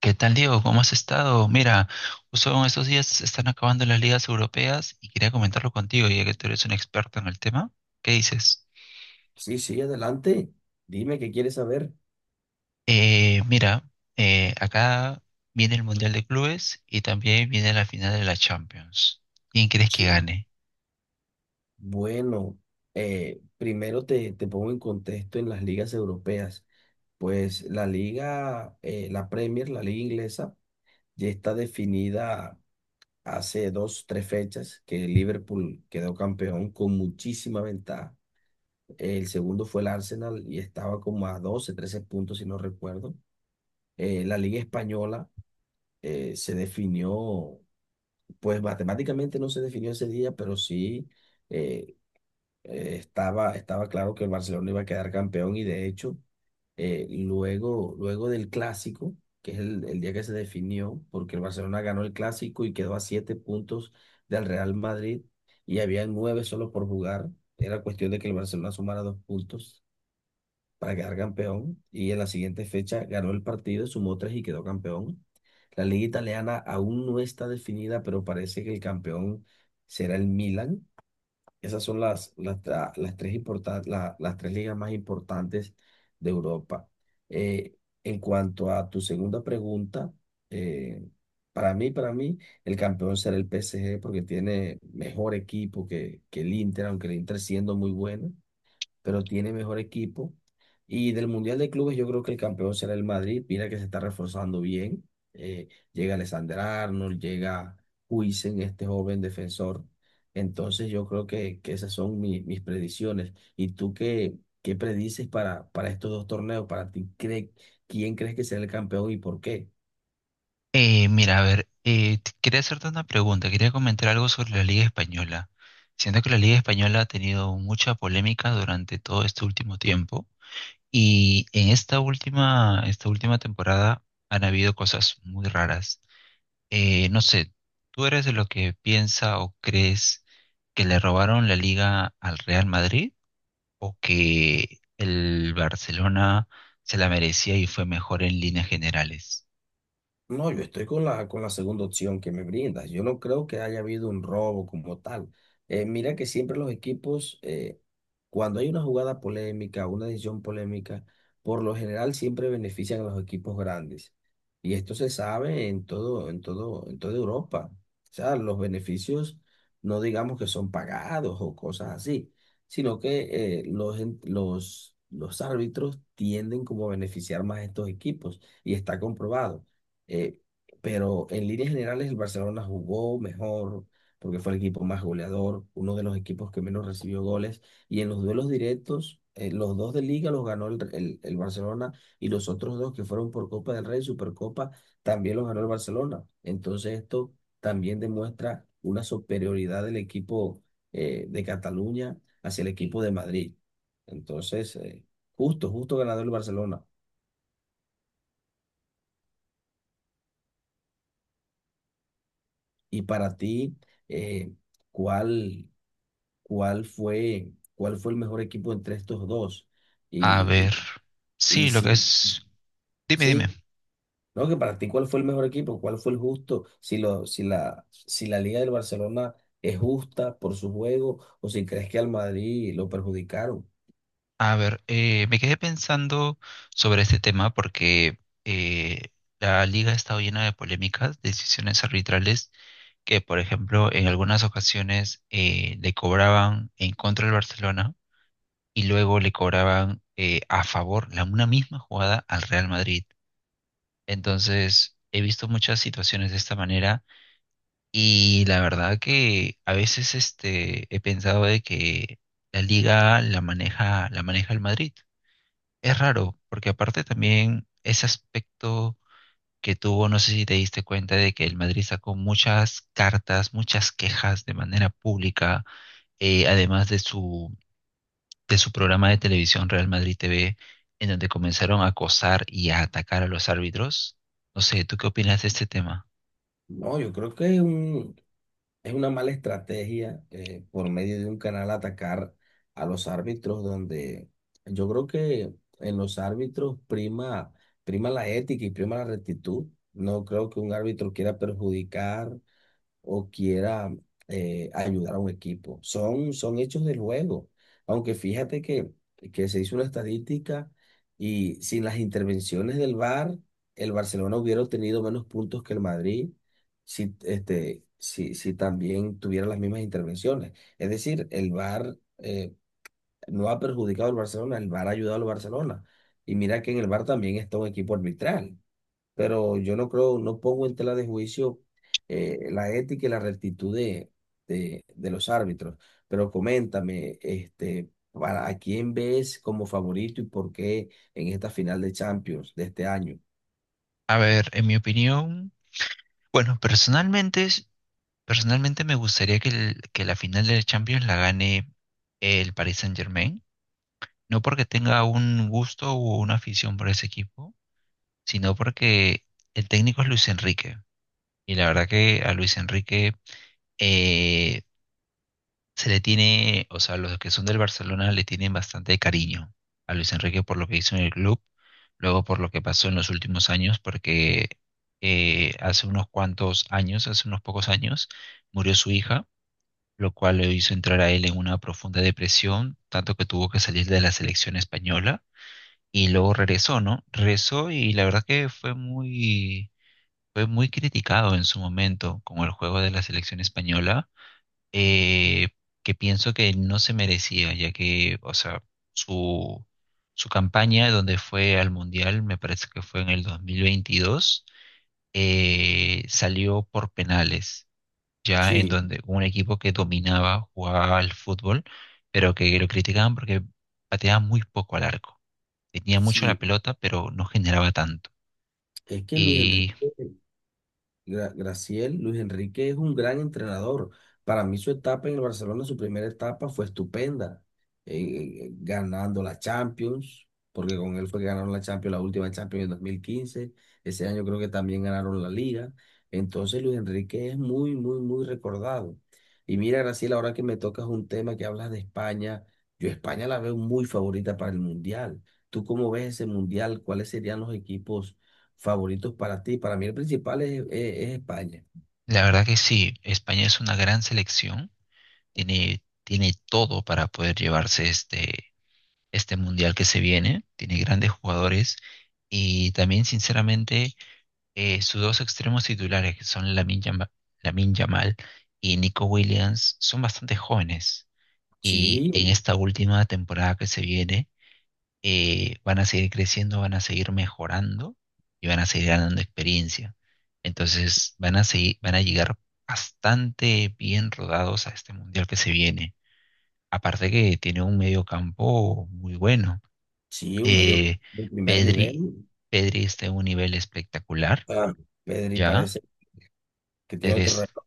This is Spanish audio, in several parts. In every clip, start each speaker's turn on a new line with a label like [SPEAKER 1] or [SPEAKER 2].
[SPEAKER 1] ¿Qué tal, Diego? ¿Cómo has estado? Mira, justo en estos días se están acabando las ligas europeas y quería comentarlo contigo, ya que tú eres un experto en el tema. ¿Qué dices?
[SPEAKER 2] Sí, sí, adelante. Dime qué quieres saber.
[SPEAKER 1] Eh, mira, acá viene el Mundial de Clubes y también viene la final de la Champions. ¿Quién crees que
[SPEAKER 2] Sí.
[SPEAKER 1] gane?
[SPEAKER 2] Bueno, primero te pongo en contexto en las ligas europeas. Pues la liga, la Premier, la liga inglesa, ya está definida hace dos, tres fechas que el Liverpool quedó campeón con muchísima ventaja. El segundo fue el Arsenal y estaba como a 12, 13 puntos, si no recuerdo. La liga española se definió. Pues matemáticamente no se definió ese día, pero sí eh, estaba claro que el Barcelona iba a quedar campeón y de hecho, luego del clásico, que es el día que se definió, porque el Barcelona ganó el clásico y quedó a siete puntos del Real Madrid y había nueve solo por jugar, era cuestión de que el Barcelona sumara dos puntos para quedar campeón y en la siguiente fecha ganó el partido, sumó tres y quedó campeón. La liga italiana aún no está definida, pero parece que el campeón será el Milan. Esas son las tres ligas más importantes de Europa. Eh, en cuanto a tu segunda pregunta, eh, para mí, el campeón será el PSG porque tiene mejor equipo que el Inter, aunque el Inter siendo muy bueno pero tiene mejor equipo. Y del Mundial de Clubes yo creo que el campeón será el Madrid. Mira que se está reforzando bien. Eh, llega Alexander Arnold, llega Huijsen, este joven defensor. Entonces yo creo que esas son mis predicciones. ¿Y tú qué, qué predices para estos dos torneos? Para ti, cree ¿quién crees que será el campeón y por qué?
[SPEAKER 1] Mira, a ver, quería hacerte una pregunta, quería comentar algo sobre la Liga Española. Siento que la Liga Española ha tenido mucha polémica durante todo este último tiempo. Y en esta última temporada han habido cosas muy raras. No sé, ¿tú eres de lo que piensa o crees que le robaron la liga al Real Madrid o que el Barcelona se la merecía y fue mejor en líneas generales?
[SPEAKER 2] No, yo estoy con la segunda opción que me brindas. Yo no creo que haya habido un robo como tal. Mira que siempre los equipos, cuando hay una jugada polémica, una decisión polémica, por lo general siempre benefician a los equipos grandes. Y esto se sabe en todo, en toda Europa. O sea, los beneficios no digamos que son pagados o cosas así, sino que los árbitros tienden como a beneficiar más a estos equipos y está comprobado. Eh, pero en líneas generales el Barcelona jugó mejor porque fue el equipo más goleador, uno de los equipos que menos recibió goles y en los duelos directos, los dos de Liga los ganó el Barcelona y los otros dos que fueron por Copa del Rey, Supercopa, también los ganó el Barcelona. Entonces esto también demuestra una superioridad del equipo de Cataluña hacia el equipo de Madrid. Entonces, justo ganador el Barcelona. Y para ti, eh, ¿cuál, cuál fue el mejor equipo entre estos dos?
[SPEAKER 1] A
[SPEAKER 2] Y,
[SPEAKER 1] ver,
[SPEAKER 2] y, y
[SPEAKER 1] sí, lo que
[SPEAKER 2] si,
[SPEAKER 1] es... Dime, dime.
[SPEAKER 2] sí, ¿No? Que para ti, ¿cuál fue el mejor equipo? ¿Cuál fue el justo? Si la Liga del Barcelona es justa por su juego o si crees que al Madrid lo perjudicaron.
[SPEAKER 1] A ver, me quedé pensando sobre este tema porque eh, la liga ha estado llena de polémicas, decisiones arbitrales que, por ejemplo, en algunas ocasiones le cobraban en contra del Barcelona y luego le cobraban a favor una misma jugada al Real Madrid. Entonces, he visto muchas situaciones de esta manera y la verdad que a veces este, he pensado de que la liga la maneja el Madrid. Es raro, porque aparte también ese aspecto que tuvo, no sé si te diste cuenta de que el Madrid sacó muchas cartas, muchas quejas de manera pública, además de su programa de televisión Real Madrid TV, en donde comenzaron a acosar y a atacar a los árbitros. No sé, ¿tú qué opinas de este tema?
[SPEAKER 2] No, yo creo que es un, Es una mala estrategia por medio de un canal atacar a los árbitros donde yo creo que en los árbitros prima la ética y prima la rectitud. No creo que un árbitro quiera perjudicar o quiera ayudar a un equipo. Son hechos del juego. Aunque fíjate que se hizo una estadística y sin las intervenciones del VAR, el Barcelona hubiera obtenido menos puntos que el Madrid si también tuviera las mismas intervenciones. Es decir, el VAR no ha perjudicado al Barcelona, el VAR ha ayudado al Barcelona. Y mira que en el VAR también está un equipo arbitral pero yo no creo, no pongo en tela de juicio la ética y la rectitud de los árbitros. Pero coméntame, este, para, ¿a quién ves como favorito y por qué en esta final de Champions de este año?
[SPEAKER 1] A ver, en mi opinión, bueno, personalmente me gustaría que la final de la Champions la gane el Paris Saint-Germain. No porque tenga un gusto o una afición por ese equipo, sino porque el técnico es Luis Enrique. Y la verdad que a Luis Enrique eh, se le tiene, o sea, los que son del Barcelona le tienen bastante cariño a Luis Enrique por lo que hizo en el club, luego por lo que pasó en los últimos años, porque hace unos cuantos años, hace unos pocos años, murió su hija, lo cual le hizo entrar a él en una profunda depresión, tanto que tuvo que salir de la selección española y luego regresó, ¿no? Regresó y la verdad que fue muy criticado en su momento con el juego de la selección española, eh, que pienso que no se merecía, ya que, o sea, su, su campaña donde fue al Mundial, me parece que fue en el 2022, salió por penales, ya en
[SPEAKER 2] Sí,
[SPEAKER 1] donde un equipo que dominaba, jugaba al fútbol, pero que lo criticaban porque pateaba muy poco al arco, tenía mucho la
[SPEAKER 2] sí,
[SPEAKER 1] pelota, pero no generaba tanto.
[SPEAKER 2] es que
[SPEAKER 1] Y
[SPEAKER 2] Graciel, Luis Enrique es un gran entrenador. Para mí su etapa en el Barcelona, su primera etapa fue estupenda, ganando la Champions, porque con él fue que ganaron la Champions, la última Champions en 2015. Ese año creo que también ganaron la Liga. Entonces Luis Enrique es muy, muy, muy recordado. Y mira, Graciel, ahora que me tocas un tema que hablas de España, yo España la veo muy favorita para el Mundial. ¿Tú cómo ves ese Mundial? ¿Cuáles serían los equipos favoritos para ti? Para mí el principal es España.
[SPEAKER 1] la verdad que sí, España es una gran selección, tiene todo para poder llevarse este, este mundial que se viene, tiene grandes jugadores y también, sinceramente, sus dos extremos titulares, que son Lamin Yamal y Nico Williams, son bastante jóvenes. Y
[SPEAKER 2] Sí,
[SPEAKER 1] en esta última temporada que se viene, van a seguir creciendo, van a seguir mejorando y van a seguir ganando experiencia. Entonces van a seguir, van a llegar bastante bien rodados a este mundial que se viene. Aparte que tiene un medio campo muy bueno.
[SPEAKER 2] sí, un medio
[SPEAKER 1] Eh,
[SPEAKER 2] de primer nivel.
[SPEAKER 1] Pedri, Pedri está en un nivel espectacular,
[SPEAKER 2] Ah, Pedri
[SPEAKER 1] ya.
[SPEAKER 2] parece que tiene otro
[SPEAKER 1] Eres,
[SPEAKER 2] reto.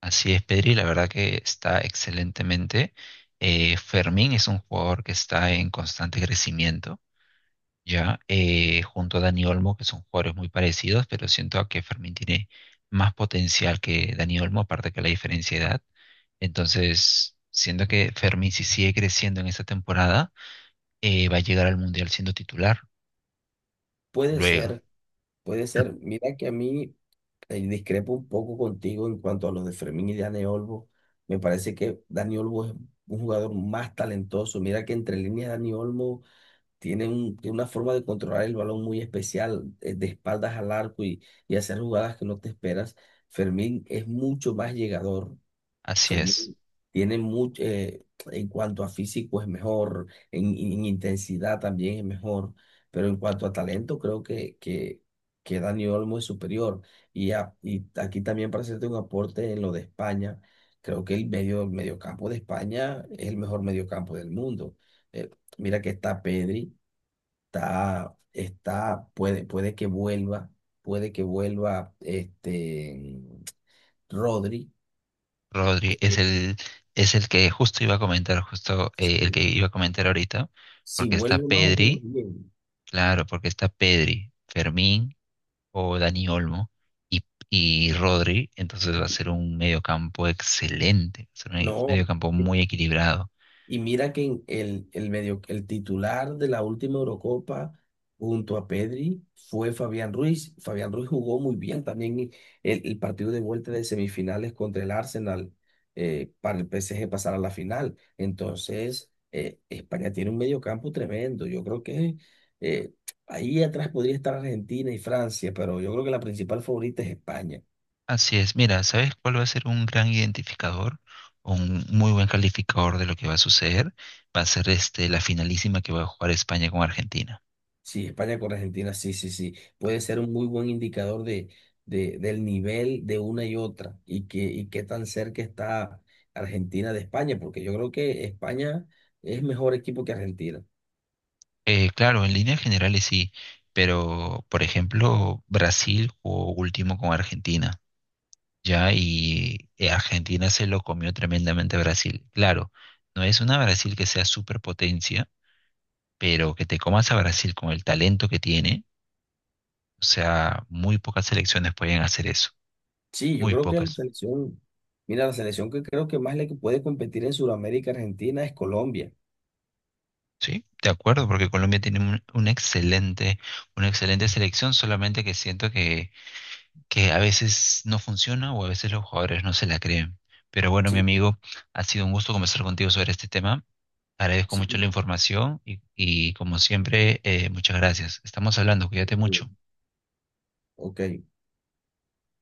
[SPEAKER 1] así es, Pedri, la verdad que está excelentemente. Fermín es un jugador que está en constante crecimiento, ya, junto a Dani Olmo, que son jugadores muy parecidos, pero siento que Fermín tiene más potencial que Dani Olmo, aparte que la diferencia de edad. Entonces, siento que Fermín, si sigue creciendo en esta temporada, va a llegar al Mundial siendo titular.
[SPEAKER 2] Puede
[SPEAKER 1] Luego,
[SPEAKER 2] ser, puede ser. Mira que a mí discrepo un poco contigo en cuanto a los de Fermín y Dani Olmo. Me parece que Dani Olmo es un jugador más talentoso. Mira que entre líneas Dani Olmo tiene una forma de controlar el balón muy especial, de espaldas al arco y hacer jugadas que no te esperas. Fermín es mucho más llegador.
[SPEAKER 1] así es.
[SPEAKER 2] Fermín tiene mucho, en cuanto a físico es mejor, en intensidad también es mejor, pero en cuanto a talento creo que Dani Olmo es superior. Y aquí también para hacerte un aporte en lo de España, creo que el medio, el mediocampo de España es el mejor mediocampo del mundo. Eh, mira que está Pedri, está, está, puede, puede que vuelva, puede que vuelva este Rodri.
[SPEAKER 1] Rodri
[SPEAKER 2] eh,
[SPEAKER 1] es
[SPEAKER 2] eh,
[SPEAKER 1] el, es el que justo iba a comentar, justo el que
[SPEAKER 2] sí,
[SPEAKER 1] iba a comentar ahorita,
[SPEAKER 2] si
[SPEAKER 1] porque está
[SPEAKER 2] vuelve más o menos
[SPEAKER 1] Pedri,
[SPEAKER 2] bien.
[SPEAKER 1] claro, porque está Pedri, Fermín o Dani Olmo y, y Rodri, entonces va a ser un mediocampo excelente, va a ser un
[SPEAKER 2] No.
[SPEAKER 1] mediocampo muy equilibrado.
[SPEAKER 2] Y mira que en el medio, el titular de la última Eurocopa junto a Pedri fue Fabián Ruiz. Fabián Ruiz jugó muy bien también y el partido de vuelta de semifinales contra el Arsenal para el PSG pasar a la final. Entonces, España tiene un mediocampo tremendo. Yo creo que eh, ahí atrás podría estar Argentina y Francia, pero yo creo que la principal favorita es España.
[SPEAKER 1] Así es, mira, ¿sabes cuál va a ser un gran identificador? Un muy buen calificador de lo que va a suceder, va a ser este, la finalísima que va a jugar España con Argentina.
[SPEAKER 2] Sí, España con Argentina, sí, sí, sí. Puede ser un muy buen indicador de, del nivel de una y otra y y qué tan cerca está Argentina de España, porque yo creo que España es mejor equipo que Argentina.
[SPEAKER 1] Claro, en líneas generales sí, pero por ejemplo, Brasil jugó último con Argentina ya, y Argentina se lo comió tremendamente a Brasil. Claro, no es una Brasil que sea superpotencia, pero que te comas a Brasil con el talento que tiene, o sea, muy pocas selecciones pueden hacer eso,
[SPEAKER 2] Sí, yo
[SPEAKER 1] muy
[SPEAKER 2] creo que la
[SPEAKER 1] pocas.
[SPEAKER 2] selección, mira, la selección que creo que más le puede competir en Sudamérica Argentina es Colombia.
[SPEAKER 1] Sí, de acuerdo, porque Colombia tiene una excelente selección, solamente que siento que a veces no funciona o a veces los jugadores no se la creen. Pero bueno, mi
[SPEAKER 2] Sí,
[SPEAKER 1] amigo, ha sido un gusto conversar contigo sobre este tema. Agradezco
[SPEAKER 2] sí.
[SPEAKER 1] mucho la información y como siempre, muchas gracias. Estamos hablando, cuídate mucho.
[SPEAKER 2] Ok.